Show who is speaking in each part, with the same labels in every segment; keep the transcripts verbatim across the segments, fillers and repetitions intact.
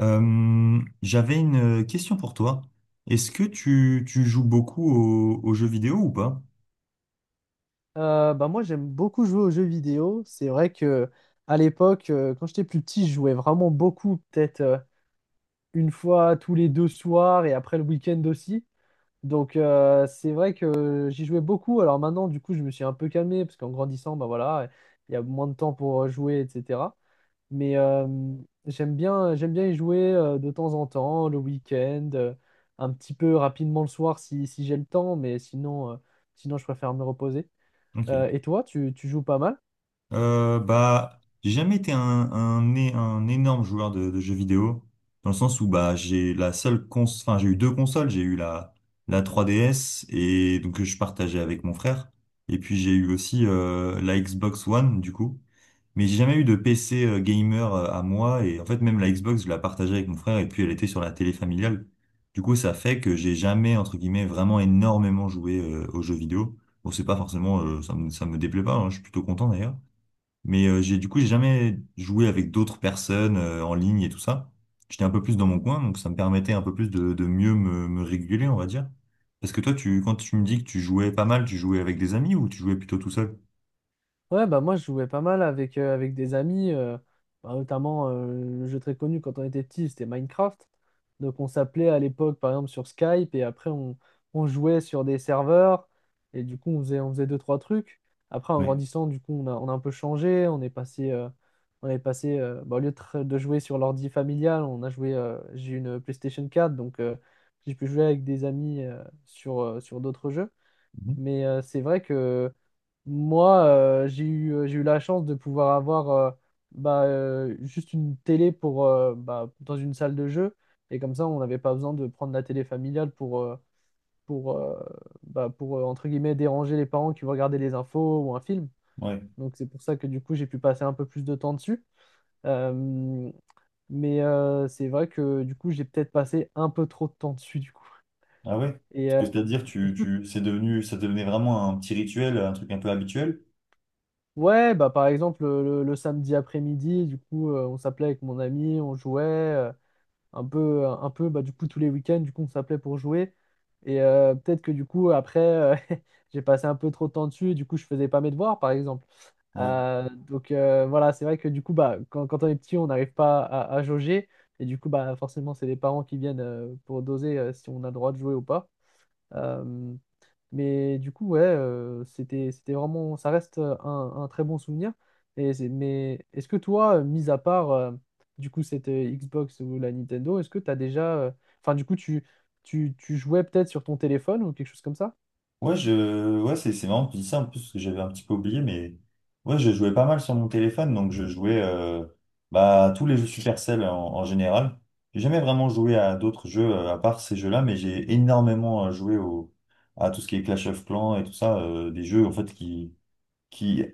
Speaker 1: Euh, j'avais une question pour toi. Est-ce que tu, tu joues beaucoup aux, aux jeux vidéo ou pas?
Speaker 2: Euh, bah moi j'aime beaucoup jouer aux jeux vidéo. C'est vrai que à l'époque, euh, quand j'étais plus petit, je jouais vraiment beaucoup, peut-être euh, une fois tous les deux soirs et après le week-end aussi. Donc euh, c'est vrai que j'y jouais beaucoup. Alors maintenant, du coup, je me suis un peu calmé parce qu'en grandissant, bah voilà, il y a moins de temps pour euh, jouer, et cetera. Mais euh, j'aime bien, j'aime bien y jouer euh, de temps en temps, le week-end, euh, un petit peu rapidement le soir si, si j'ai le temps, mais sinon, euh, sinon je préfère me reposer. Euh,
Speaker 1: Ok.
Speaker 2: et toi, tu, tu joues pas mal?
Speaker 1: Euh, bah, j'ai jamais été un, un, é- un énorme joueur de, de jeux vidéo, dans le sens où bah, j'ai la seule cons enfin, j'ai eu deux consoles, j'ai eu la, la trois D S et donc que je partageais avec mon frère, et puis j'ai eu aussi euh, la Xbox One du coup. Mais j'ai jamais eu de P C euh, gamer euh, à moi, et en fait même la Xbox je la partageais avec mon frère et puis elle était sur la télé familiale. Du coup ça fait que j'ai jamais, entre guillemets, vraiment énormément joué euh, aux jeux vidéo. Bon, c'est pas forcément euh, ça me, ça me déplaît pas, hein, je suis plutôt content d'ailleurs. Mais euh, j'ai du coup j'ai jamais joué avec d'autres personnes euh, en ligne et tout ça. J'étais un peu plus dans mon coin, donc ça me permettait un peu plus de, de mieux me, me réguler, on va dire. Parce que toi tu quand tu me dis que tu jouais pas mal, tu jouais avec des amis ou tu jouais plutôt tout seul?
Speaker 2: Ouais, bah moi je jouais pas mal avec, euh, avec des amis, euh, bah, notamment euh, le jeu très connu quand on était petit, c'était Minecraft. Donc on s'appelait à l'époque par exemple sur Skype et après on, on jouait sur des serveurs et du coup on faisait, on faisait deux, trois trucs. Après en
Speaker 1: Ouais.
Speaker 2: grandissant, du coup on a, on a un peu changé, on est passé, euh, on est passé euh, bah, au lieu de, tra- de jouer sur l'ordi familial, on a joué, euh, j'ai une PlayStation quatre donc euh, j'ai pu jouer avec des amis euh, sur, euh, sur d'autres jeux.
Speaker 1: Mhm.
Speaker 2: Mais euh, c'est vrai que moi, euh, j'ai eu, euh, j'ai eu la chance de pouvoir avoir euh, bah, euh, juste une télé pour, euh, bah, dans une salle de jeu. Et comme ça, on n'avait pas besoin de prendre la télé familiale pour, euh, pour, euh, bah, pour euh, entre guillemets, déranger les parents qui vont regarder les infos ou un film.
Speaker 1: Ouais.
Speaker 2: Donc c'est pour ça que du coup, j'ai pu passer un peu plus de temps dessus. Euh, mais euh, c'est vrai que du coup, j'ai peut-être passé un peu trop de temps dessus, du coup.
Speaker 1: Ah ouais?
Speaker 2: Et,
Speaker 1: Parce
Speaker 2: euh,
Speaker 1: que c'est-à-dire, tu, tu, c'est devenu, ça devenait vraiment un petit rituel, un truc un peu habituel.
Speaker 2: Ouais, bah par exemple le, le- le samedi après-midi, du coup euh, on s'appelait avec mon ami, on jouait euh, un peu, un peu, bah du coup tous les week-ends, du coup on s'appelait pour jouer. Et euh, peut-être que du coup après euh, j'ai passé un peu trop de temps dessus, et du coup je faisais pas mes devoirs par exemple.
Speaker 1: Ouais.
Speaker 2: Euh, donc euh, voilà, c'est vrai que du coup bah quand, quand on est petit on n'arrive pas à, à jauger et du coup bah forcément c'est les parents qui viennent euh, pour doser euh, si on a le droit de jouer ou pas. Euh, mais du coup, ouais, euh, c'était, c'était vraiment, ça reste euh, un, un très bon souvenir. Et c'est- mais est-ce que toi, euh, mis à part euh, du coup cette euh, Xbox ou la Nintendo, est-ce que tu as déjà, euh, enfin du coup, tu, tu, tu jouais peut-être sur ton téléphone ou quelque chose comme ça?
Speaker 1: Ouais, je, ouais, c'est, c'est marrant que tu dis ça, en plus, parce que j'avais un petit peu oublié, mais ouais, je jouais pas mal sur mon téléphone. Donc je jouais, euh, bah, à tous les jeux Supercell en, en général. J'ai jamais vraiment joué à d'autres jeux euh, à part ces jeux-là, mais j'ai énormément euh, joué au, à tout ce qui est Clash of Clans et tout ça, euh, des jeux, en fait, qui, qui,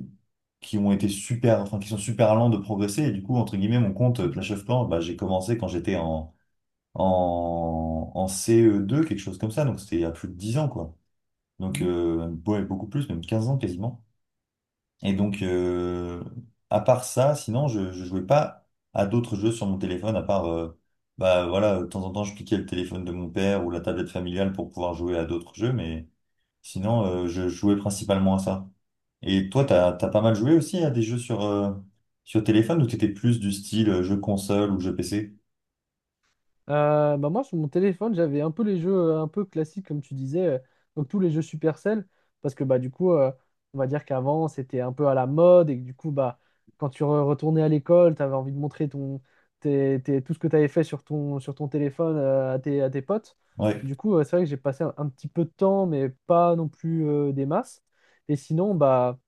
Speaker 1: qui ont été super, enfin, qui sont super lents de progresser. Et du coup, entre guillemets, mon compte euh,
Speaker 2: Mhm,
Speaker 1: Clash of Clans, bah, j'ai commencé quand j'étais en, en, en C E deux, quelque chose comme ça. Donc c'était il y a plus de dix ans, quoi. Donc
Speaker 2: mhm.
Speaker 1: euh, ouais, beaucoup plus, même quinze ans quasiment. Et donc, euh, à part ça, sinon, je, je jouais pas à d'autres jeux sur mon téléphone, à part, euh, bah voilà, de temps en temps, je piquais le téléphone de mon père ou la tablette familiale pour pouvoir jouer à d'autres jeux. Mais sinon, euh, je jouais principalement à ça. Et toi, t'as, t'as pas mal joué aussi à des jeux sur, euh, sur téléphone, ou t'étais plus du style euh, jeu console ou jeu P C?
Speaker 2: Euh, bah moi, sur mon téléphone, j'avais un peu les jeux euh, un peu classiques, comme tu disais, euh, donc tous les jeux Supercell, parce que bah, du coup, euh, on va dire qu'avant, c'était un peu à la mode, et que du coup, bah, quand tu re- retournais à l'école, tu avais envie de montrer ton, tes- tes- tout ce que tu avais fait sur ton, sur ton téléphone euh, à tes, à tes potes.
Speaker 1: Ouais.
Speaker 2: Du coup, euh, c'est vrai que j'ai passé un, un petit peu de temps, mais pas non plus euh, des masses. Et sinon, bah,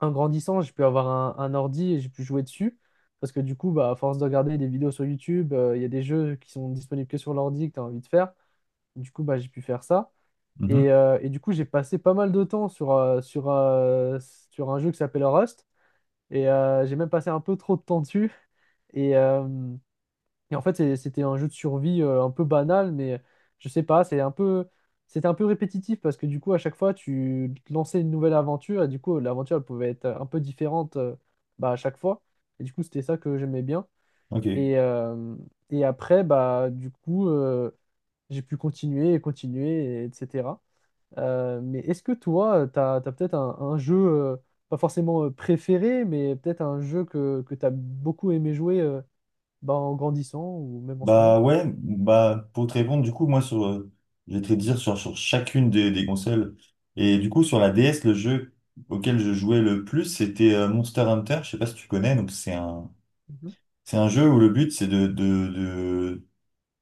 Speaker 2: en grandissant, j'ai pu avoir un, un ordi et j'ai pu jouer dessus. Parce que du coup, bah, à force de regarder des vidéos sur YouTube, euh, il y a des jeux qui sont disponibles que sur l'ordi que tu as envie de faire. Du coup, bah, j'ai pu faire ça.
Speaker 1: Mhm.
Speaker 2: Et, euh, et du coup, j'ai passé pas mal de temps sur, euh, sur, euh, sur un jeu qui s'appelle Rust. Et euh, j'ai même passé un peu trop de temps dessus. Et, euh, et en fait, c'est- c'était un jeu de survie euh, un peu banal, mais je sais pas, c'est un peu, c'était un peu répétitif parce que du coup, à chaque fois, tu lançais une nouvelle aventure et du coup, l'aventure, elle pouvait être un peu différente euh, bah, à chaque fois. Et du coup, c'était ça que j'aimais bien.
Speaker 1: Ok.
Speaker 2: Et, euh, et après, bah, du coup, euh, j'ai pu continuer et continuer, et etc. Euh, mais est-ce que toi, t'as, t'as peut-être un, un jeu, euh, pas forcément euh, préféré, mais peut-être un jeu que, que t'as beaucoup aimé jouer euh, bah, en grandissant ou même en ce moment?
Speaker 1: Bah ouais, bah pour te répondre, du coup, moi sur euh, je vais te dire sur, sur chacune des, des consoles. Et du coup, sur la D S, le jeu auquel je jouais le plus, c'était euh, Monster Hunter. Je sais pas si tu connais. Donc c'est un
Speaker 2: Mhm,
Speaker 1: c'est un jeu où le but c'est de, de, de,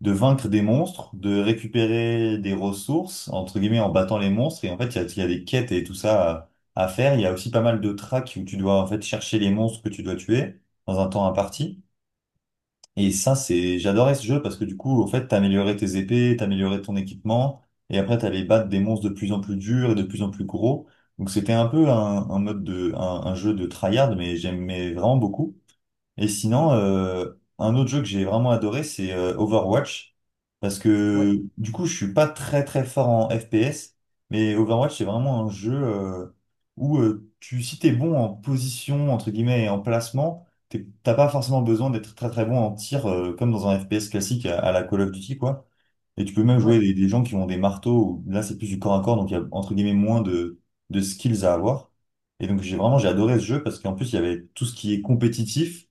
Speaker 1: de vaincre des monstres, de récupérer des ressources, entre guillemets, en battant les monstres. Et en fait, il y a, il y a des quêtes et tout ça à, à faire. Il y a aussi pas mal de tracks où tu dois en fait chercher les monstres que tu dois tuer dans un temps imparti. Et ça, c'est, j'adorais ce jeu, parce que du coup, en fait, t'améliorais tes épées, t'améliorais ton équipement, et après, t'allais battre des monstres de plus en plus durs et de plus en plus gros. Donc c'était un peu un, un mode de, un, un jeu de tryhard, mais j'aimais vraiment beaucoup. Et
Speaker 2: mhm.
Speaker 1: sinon, euh, un autre jeu que j'ai vraiment adoré, c'est euh, Overwatch. Parce
Speaker 2: Ouais,
Speaker 1: que du coup, je suis pas très très fort en F P S, mais Overwatch, c'est vraiment un jeu euh, où euh, tu, si t'es bon en position, entre guillemets, et en placement, t'es- t'as pas forcément besoin d'être très très bon en tir, euh, comme dans un F P S classique à, à la Call of Duty, quoi. Et tu peux même jouer
Speaker 2: ouais.
Speaker 1: des, des gens qui ont des marteaux, où là c'est plus du corps à corps, donc il y a, entre guillemets, moins de, de skills à avoir. Et donc j'ai vraiment j'ai adoré ce jeu parce qu'en plus il y avait tout ce qui est compétitif.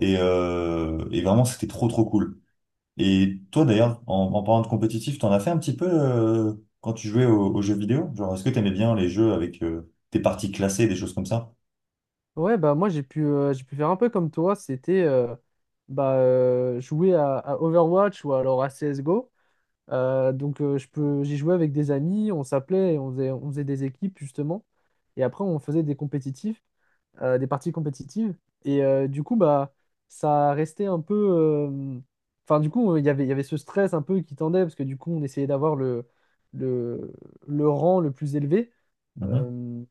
Speaker 1: Et, euh, et vraiment, c'était trop, trop cool. Et toi, d'ailleurs, en, en parlant de compétitif, t'en as fait un petit peu euh, quand tu jouais aux, aux jeux vidéo? Genre, est-ce que t'aimais bien les jeux avec euh, des parties classées, des choses comme ça?
Speaker 2: Ouais, Bah moi j'ai pu, euh, j'ai pu faire un peu comme toi, c'était euh, bah, euh, jouer à, à Overwatch ou alors à C S G O. Euh, donc euh, je peux, j'y jouais avec des amis, on s'appelait, et on faisait, on faisait des équipes justement, et après on faisait des compétitifs, euh, des parties compétitives, et euh, du coup bah ça restait un peu, euh, enfin du coup il y avait, il y avait ce stress un peu qui tendait parce que du coup on essayait d'avoir le, le, le rang le plus élevé.
Speaker 1: Mhm.
Speaker 2: Euh,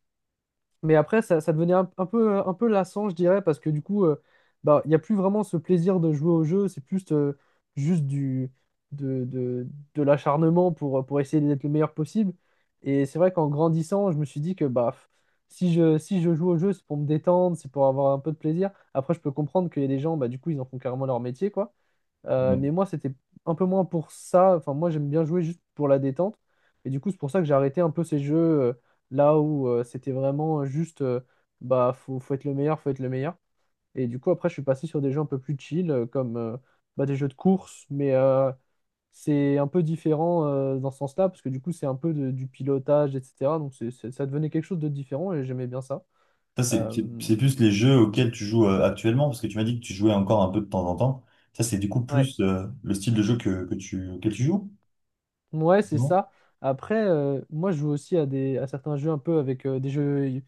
Speaker 2: Mais après, ça, ça devenait un, un peu, un peu lassant, je dirais, parce que du coup, euh, bah, il n'y a plus vraiment ce plaisir de jouer au jeu, c'est plus euh, juste du, de, de, de l'acharnement pour, pour essayer d'être le meilleur possible. Et c'est vrai qu'en grandissant, je me suis dit que bah, f- si je, si je joue au jeu, c'est pour me détendre, c'est pour avoir un peu de plaisir. Après, je peux comprendre qu'il y a des gens, bah, du coup, ils en font carrément leur métier, quoi. Euh,
Speaker 1: Ouais.
Speaker 2: mais moi, c'était un peu moins pour ça. Enfin, moi, j'aime bien jouer juste pour la détente. Et du coup, c'est pour ça que j'ai arrêté un peu ces jeux euh, là où euh, c'était vraiment juste, euh, bah, faut, faut être le meilleur, faut être le meilleur. Et du coup, après, je suis passé sur des jeux un peu plus chill, euh, comme euh, bah, des jeux de course. Mais euh, c'est un peu différent euh, dans ce sens-là, parce que du coup, c'est un peu de- du pilotage, et cetera. Donc, c'est, c'est- ça devenait quelque chose de différent et j'aimais bien ça.
Speaker 1: Ça, c'est
Speaker 2: Euh,
Speaker 1: c'est- c'est plus les jeux auxquels tu joues euh, actuellement, parce que tu m'as dit que tu jouais encore un peu de temps en temps. Ça, c'est du coup
Speaker 2: ouais.
Speaker 1: plus euh, le style de jeu que, que tu, auquel tu joues?
Speaker 2: Ouais, c'est
Speaker 1: Non?
Speaker 2: ça. Après, euh, moi, je joue aussi à des à certains jeux un peu avec euh, des jeux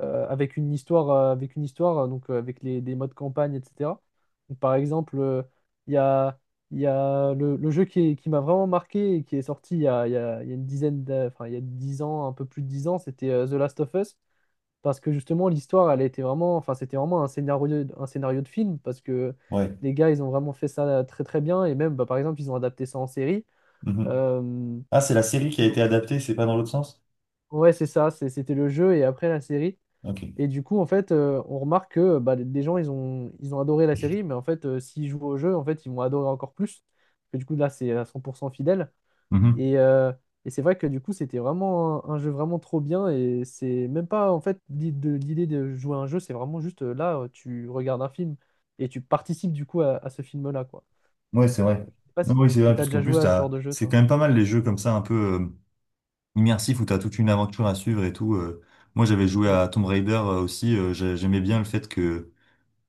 Speaker 2: euh, avec une histoire, euh, avec une histoire, euh, donc euh, avec les, des modes campagne, et cetera. Donc, par exemple, euh, il y a, il y a le, le jeu qui, est- qui m'a vraiment marqué et qui est sorti il y a, il y a- il y a une dizaine d'a- enfin, il y a dix ans, un peu plus de dix ans, c'était euh, The Last of Us. Parce que justement, l'histoire, elle était vraiment, enfin, c'était vraiment un scénario, un scénario de film, parce que
Speaker 1: Ouais.
Speaker 2: les gars, ils ont vraiment fait ça très très bien. Et même, bah, par exemple, ils ont adapté ça en série.
Speaker 1: Mhm. Ah, c'est la série qui a été
Speaker 2: Donc,
Speaker 1: adaptée, c'est pas dans l'autre sens?
Speaker 2: ouais, c'est ça, c'est- c'était le jeu et après la série.
Speaker 1: Ok.
Speaker 2: Et du coup, en fait, euh, on remarque que bah, des gens, ils ont, ils ont adoré la série, mais en fait, euh, s'ils jouent au jeu, en fait, ils vont adorer encore plus. Parce que du coup, là, c'est à cent pour cent fidèle.
Speaker 1: Mhm.
Speaker 2: Et, euh, et c'est vrai que du coup, c'était vraiment un, un jeu vraiment trop bien. Et c'est même pas, en fait, l'i- de- l'idée de jouer à un jeu, c'est vraiment juste euh, là, euh, tu regardes un film et tu participes du coup à, à ce film-là, quoi.
Speaker 1: Ouais, c'est
Speaker 2: Euh,
Speaker 1: vrai.
Speaker 2: je sais pas
Speaker 1: Non,
Speaker 2: si,
Speaker 1: oui, c'est
Speaker 2: si
Speaker 1: vrai,
Speaker 2: t'as
Speaker 1: puisqu'en
Speaker 2: déjà
Speaker 1: plus,
Speaker 2: joué à ce genre
Speaker 1: t'as...
Speaker 2: de jeu,
Speaker 1: c'est quand
Speaker 2: toi.
Speaker 1: même pas mal, les jeux comme ça, un peu euh, immersifs, où tu as toute une aventure à suivre et tout. euh. Moi, j'avais joué
Speaker 2: Mm.
Speaker 1: à Tomb Raider euh, aussi. Euh, j'ai- j'aimais bien le fait que,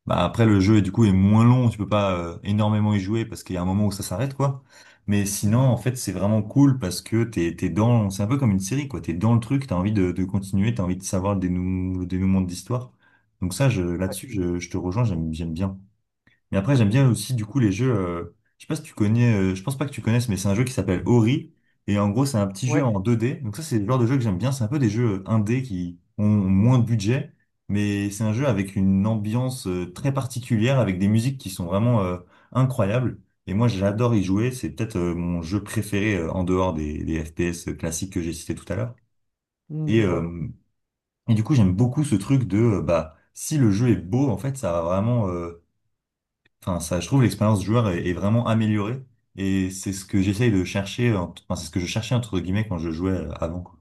Speaker 1: bah, après, le jeu, du coup, est moins long. Tu peux pas euh, énormément y jouer parce qu'il y a un moment où ça s'arrête, quoi. Mais sinon,
Speaker 2: Mhm.
Speaker 1: en fait, c'est vraiment cool parce que t'es, t'es dans... c'est un peu comme une série, quoi. T'es dans le truc, t'as envie de, de continuer, t'as envie de savoir le dénou... le dénouement de l'histoire. Donc ça, je...
Speaker 2: Ouais,
Speaker 1: là-dessus, je... je te rejoins, j'aime j'aime bien. Mais après, j'aime bien aussi, du coup, les jeux. Euh, je sais pas si tu connais, euh, je pense pas que tu connaisses, mais c'est un jeu qui s'appelle Ori. Et en gros, c'est un petit jeu
Speaker 2: ouais.
Speaker 1: en deux D. Donc ça, c'est le genre de jeu que j'aime bien. C'est un peu des jeux un D qui ont moins de budget. Mais c'est un jeu avec une ambiance euh, très particulière, avec des musiques qui sont vraiment euh, incroyables. Et moi, j'adore y jouer. C'est peut-être euh, mon jeu préféré euh, en dehors des, des F P S classiques que j'ai cités tout à l'heure.
Speaker 2: Mm, je
Speaker 1: Et,
Speaker 2: vois.
Speaker 1: euh, et du coup, j'aime beaucoup ce truc de, euh, bah, si le jeu est beau, en fait, ça va vraiment. euh, Enfin, ça, je trouve l'expérience joueur est, est vraiment améliorée, et c'est ce que j'essaye de chercher, en- enfin, c'est ce que je cherchais, entre guillemets, quand je jouais euh, avant, quoi.